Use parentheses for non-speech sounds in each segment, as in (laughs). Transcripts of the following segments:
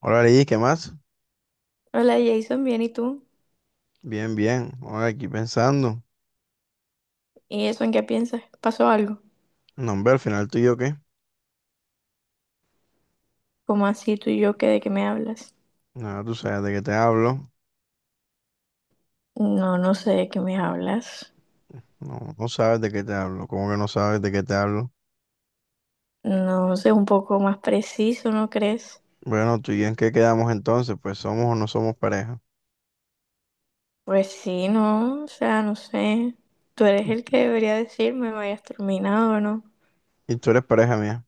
Hola, Liz, ¿qué más? Hola Jason, bien, ¿y tú? Bien, bien. Ahora aquí pensando. ¿Y eso en qué piensas? ¿Pasó algo? No, hombre, al final tú y yo qué. ¿Cómo así tú y yo que de qué me hablas? Nada, tú sabes de qué te hablo. No, no sé de qué me hablas. No, no sabes de qué te hablo. ¿Cómo que no sabes de qué te hablo? No sé, un poco más preciso, ¿no crees? Bueno, tú y yo en qué quedamos entonces, pues somos o no somos pareja. Pues sí, no, o sea, no sé. Tú eres el que debería decirme, me hayas terminado o no. Y tú eres pareja mía.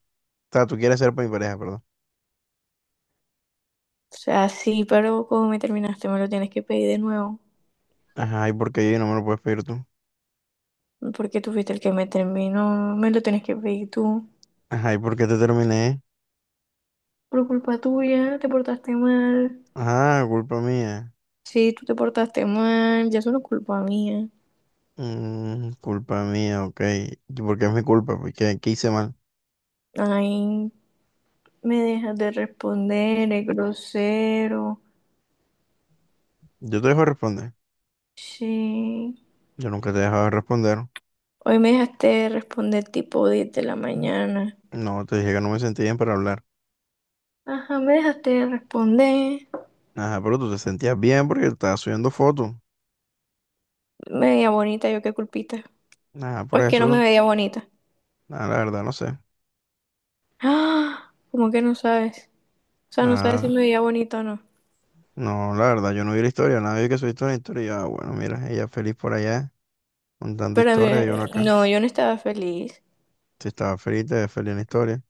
O sea, tú quieres ser mi pareja, perdón. O sea, sí, pero como me terminaste, me lo tienes que pedir de nuevo. Ajá, ¿y por qué yo no me lo puedes pedir tú? Porque tú fuiste el que me terminó, me lo tienes que pedir tú. Ajá, ¿y por qué te terminé? Por culpa tuya, te portaste mal. Ajá, culpa mía. Sí, tú te portaste mal, ya es una culpa mía. Mm, culpa mía, ok. ¿Y por qué es mi culpa? Porque ¿qué hice mal? Ay, me dejas de responder, es grosero. Yo te dejo de responder. Sí. Yo nunca te he dejado de responder. Hoy me dejaste de responder tipo 10 de la mañana. No, te dije que no me sentía bien para hablar. Ajá, me dejaste de responder. Ajá, pero tú te sentías bien porque estabas subiendo fotos. Me veía bonita, yo qué culpita. Ajá, O por es que no me eso, veía bonita. nada, la verdad, no sé. Ah, ¿cómo que no sabes? O sea, no sabes si me Nada, veía bonita o no. no, la verdad, yo no vi la historia, nadie que subiste una historia. Y yo, ah, bueno, mira, ella feliz por allá, contando Pero a historia mí- y uno acá. no, yo no estaba feliz. Si estaba feliz, te ves feliz en la historia.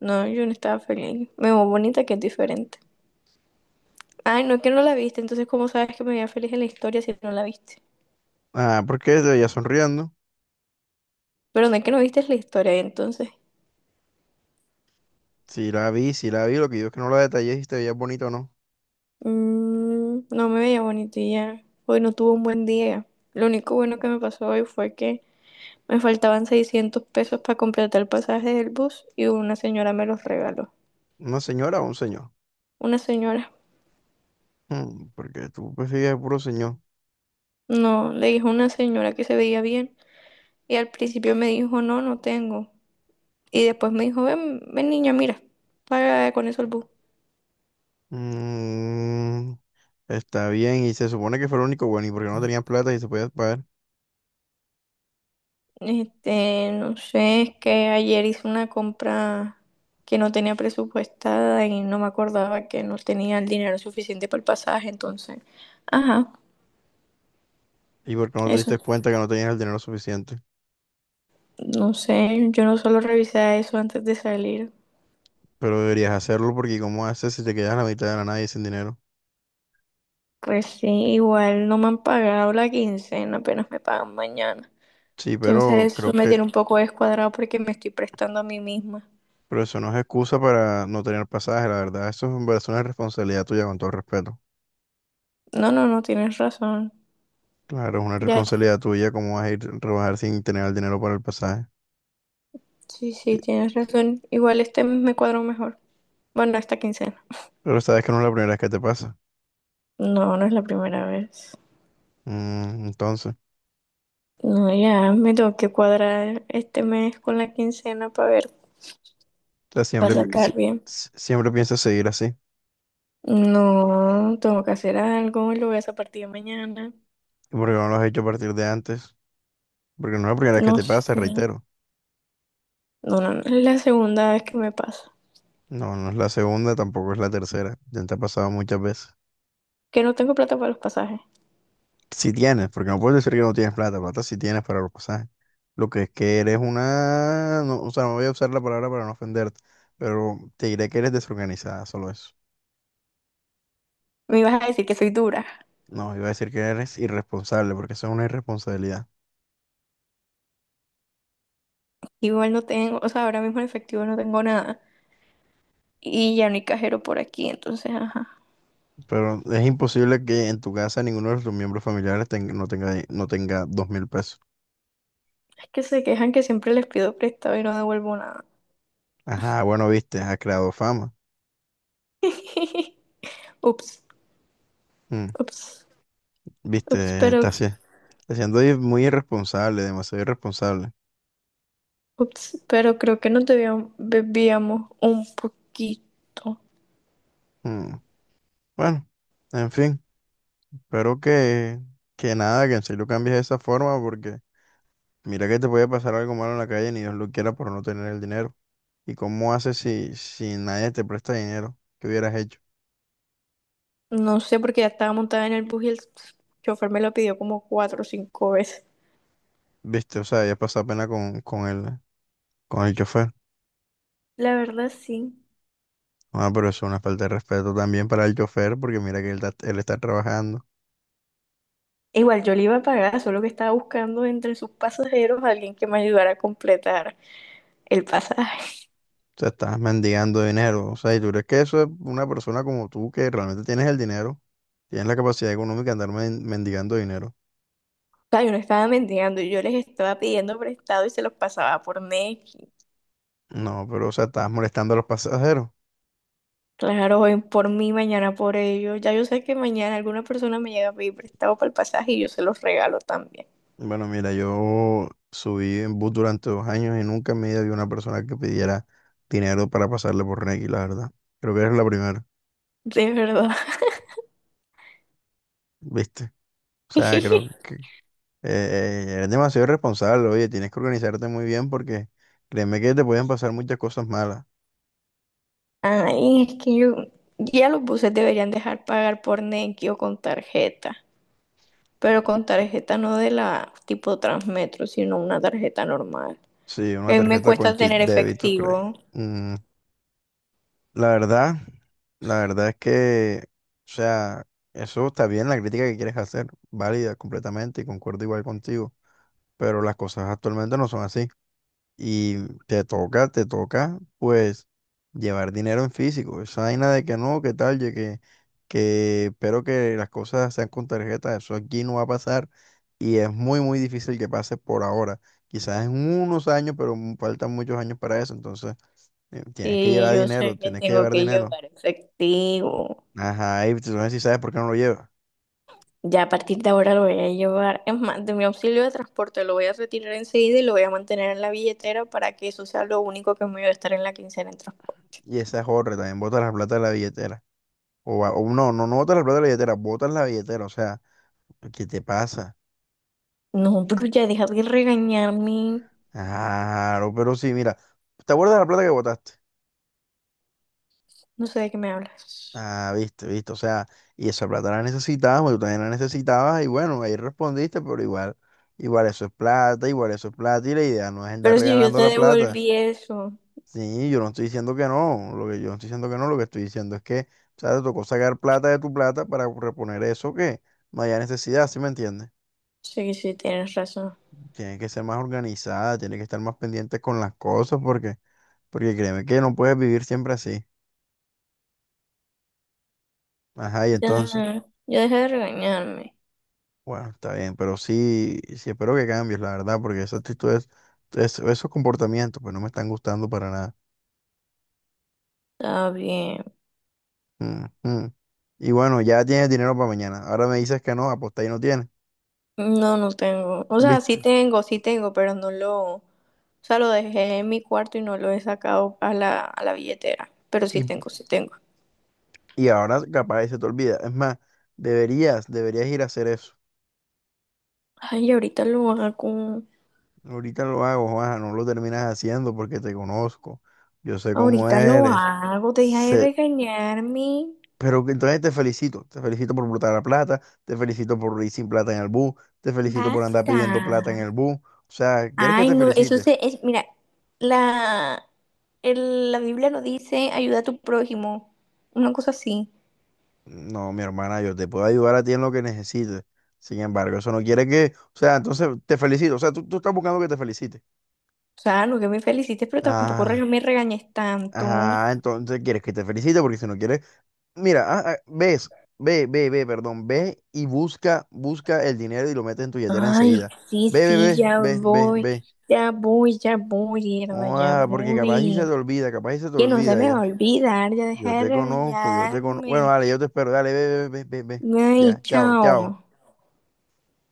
No, yo no estaba feliz. Me veo bonita que es diferente. Ay, no, que no la viste. Entonces, ¿cómo sabes que me veía feliz en la historia si no la viste? Ah, porque te veía sonriendo. Pero no es que no viste la historia entonces. Si la vi, si la vi, lo que yo es que no la detallé si te veías bonito o no. Mm, no me veía bonito y ya. Hoy no tuve un buen día. Lo único bueno que me pasó hoy fue que me faltaban 600 pesos para completar el pasaje del bus y una señora me los regaló. ¿Una señora o un señor? Una señora. Mm, porque tú prefieres puro señor. No, le dijo una señora que se veía bien y al principio me dijo no, no tengo. Y después me dijo, ven, ven niña, mira, paga con eso el bus. Mm, está bien, y se supone que fue el único bueno, y porque no tenían plata y se podía pagar, Este, no sé, es que ayer hice una compra que no tenía presupuestada y no me acordaba que no tenía el dinero suficiente para el pasaje, entonces, ajá, y porque no te eso. diste cuenta que no tenías el dinero suficiente. No sé, yo no solo revisé eso antes de salir. Pero deberías hacerlo porque ¿cómo haces si te quedas a la mitad de la nada y sin dinero? Pues sí, igual no me han pagado la quincena, apenas me pagan mañana. Sí, pero Entonces, eso creo me que, tiene un poco descuadrado porque me estoy prestando a mí misma. pero eso no es excusa para no tener pasaje, la verdad, eso es, es una responsabilidad tuya con todo respeto. No, no, no, tienes razón. Claro, es una Ya, responsabilidad tuya cómo vas a ir a rebajar sin tener el dinero para el pasaje. sí, Y- sí, tienes razón. Igual este mes me cuadro mejor. Bueno, esta quincena. Pero sabes que no es la primera vez que te pasa. No, no es la primera vez. Entonces, o No, ya me tengo que cuadrar este mes con la quincena para ver, sea, para siempre, sacar bien. Siempre piensas seguir así, y No, tengo que hacer algo y lo voy a hacer a partir de mañana. porque no lo has hecho a partir de antes. Porque no es la primera vez que No te pasa, sé. reitero. No, no, no. Es la segunda vez que me pasa. No, no es la segunda, tampoco es la tercera. Ya te ha pasado muchas veces. Que no tengo plata para los pasajes. Si tienes, porque no puedes decir que no tienes plata, plata si tienes para los pasajes. Lo que es que eres una... no, o sea, no voy a usar la palabra para no ofenderte, pero te diré que eres desorganizada, solo eso. Me ibas a decir que soy dura. No, iba a decir que eres irresponsable, porque eso es una irresponsabilidad. Igual no tengo, o sea, ahora mismo en efectivo no tengo nada. Y ya no hay cajero por aquí, entonces, ajá. Pero es imposible que en tu casa ninguno de tus miembros familiares no tenga 2.000 pesos. Es que se quejan que siempre les pido prestado y no devuelvo nada. Ajá, bueno, viste, ha creado fama. (laughs) Ups, Mm. ups, ups, Viste, está, pero está siendo muy irresponsable, demasiado irresponsable. Ups, pero creo que nos debíamos, bebíamos un poquito. Mm, bueno, en fin, espero que nada, que en serio cambies de esa forma, porque mira que te puede pasar algo malo en la calle, ni Dios lo quiera por no tener el dinero. ¿Y cómo haces si nadie te presta dinero? ¿Qué hubieras hecho? No sé, porque ya estaba montada en el bus y el chofer me lo pidió como 4 o 5 veces. Viste, o sea, ya pasado pena con el chofer. La verdad, sí. Ah, pero eso es una falta de respeto también para el chofer, porque mira que él está trabajando. Igual yo le iba a pagar, solo que estaba buscando entre sus pasajeros a alguien que me ayudara a completar el pasaje. Sea, estás mendigando dinero. O sea, ¿y tú crees que eso es una persona como tú que realmente tienes el dinero? Tienes la capacidad económica de andar mendigando dinero. O sea, yo no estaba mendigando, yo les estaba pidiendo prestado y se los pasaba por Nequi. No, pero o sea, estás molestando a los pasajeros. Claro, hoy por mí, mañana por ellos. Ya yo sé que mañana alguna persona me llega a pedir prestado para el pasaje y yo se los regalo también. Bueno, mira, yo subí en bus durante 2 años y nunca en mi vida vi una persona que pidiera dinero para pasarle por Nequi, la verdad. Creo que eres la primera, De verdad. ¿viste? O sea, creo que (laughs) eres demasiado irresponsable. Oye, tienes que organizarte muy bien porque créeme que te pueden pasar muchas cosas malas. Ay, es que yo, ya los buses deberían dejar pagar por Nequi o con tarjeta, pero con tarjeta no de la tipo Transmetro, sino una tarjeta normal. Sí, A una mí me tarjeta con cuesta chip tener débito, creo. efectivo Mm, la verdad, la verdad es que, o sea, eso está bien, la crítica que quieres hacer, válida completamente y concuerdo igual contigo, pero las cosas actualmente no son así. Y te toca, pues, llevar dinero en físico. Esa vaina de que no, que tal, ye que espero que las cosas sean con tarjeta, eso aquí no va a pasar. Y es muy, muy difícil que pase por ahora. Quizás en unos años, pero faltan muchos años para eso. Entonces, tienes que y llevar yo dinero, sé que tienes que tengo llevar que dinero. llevar efectivo. Ajá, y tú no sé si sabes por qué no lo llevas. Ya a partir de ahora lo voy a llevar. Es más, de mi auxilio de transporte lo voy a retirar enseguida y lo voy a mantener en la billetera para que eso sea lo único que me voy a estar en la quincena en transporte. Y esa es otra, también botas la plata de la billetera. O no, no, no botas la plata de la billetera, botas la billetera. O sea, ¿qué te pasa? No, pero ya deja de regañarme. Claro, pero sí, mira, ¿te acuerdas de la plata que botaste? No sé de qué me hablas. Ah, viste, viste, o sea, y esa plata la necesitábamos, tú también la necesitabas, y bueno, ahí respondiste, pero igual, igual eso es plata, igual eso es plata, y la idea no es andar Pero si yo regalando te la plata. devolví eso. Sí, yo no estoy diciendo que no, lo que yo no estoy diciendo que no, lo que estoy diciendo es que, o sea, te tocó sacar plata de tu plata para reponer eso que no haya necesidad, ¿sí me entiendes? Sí, sí, tienes razón. Tienes que ser más organizada, tienes que estar más pendiente con las cosas, porque créeme que no puedes vivir siempre así. Ajá, y Ya, entonces. ya dejé de regañarme. Bueno, está bien, pero sí, sí espero que cambies, la verdad, porque esas actitudes, esos comportamientos, pues no me están gustando para nada. Está bien. Mm, mm. Y bueno, ya tienes dinero para mañana. Ahora me dices que no, apostar y no tienes, No, no tengo. O sea, ¿viste? Sí tengo, pero no lo. O sea, lo dejé en mi cuarto y no lo he sacado a la billetera. Pero sí Y, tengo, sí tengo. y ahora capaz se te olvida. Es más, deberías ir a hacer eso. Ay, ahorita lo hago. Ahorita lo hago, Juanja, no lo terminas haciendo porque te conozco. Yo sé cómo Ahorita lo eres. hago. Deja de regañarme. Pero que entonces te felicito por botar la plata, te felicito por ir sin plata en el bus, te felicito por andar Basta. pidiendo plata en el bus. O sea, ¿quieres que Ay, te no, eso felicite? se, es, mira, la, el- la Biblia no dice ayuda a tu prójimo, una cosa así. No, mi hermana, yo te puedo ayudar a ti en lo que necesites. Sin embargo, eso no quiere que, o sea, entonces te felicito, o sea, tú estás buscando que te felicite. O sea, no que me felicites, pero tampoco Ah, me regañes tanto. Entonces quieres que te felicite porque si no quieres, mira, ves, ve, ve, ve, perdón, ve y busca, busca el dinero y lo metes en tu billetera Ay, enseguida. sí, Ve, ve, sí, ve, ya ve, ve, voy, ve. ya voy, ya voy, mierda, ya Ah, porque capaz y se te voy. olvida, capaz y se te Que no se olvida. me va a Yo, olvidar, ya deja yo de te conozco, yo te conozco. Bueno, regañarme. dale, yo te espero. Dale, ve, ve, ve, ve, ve. Ay, Ya, chao, chao. chao.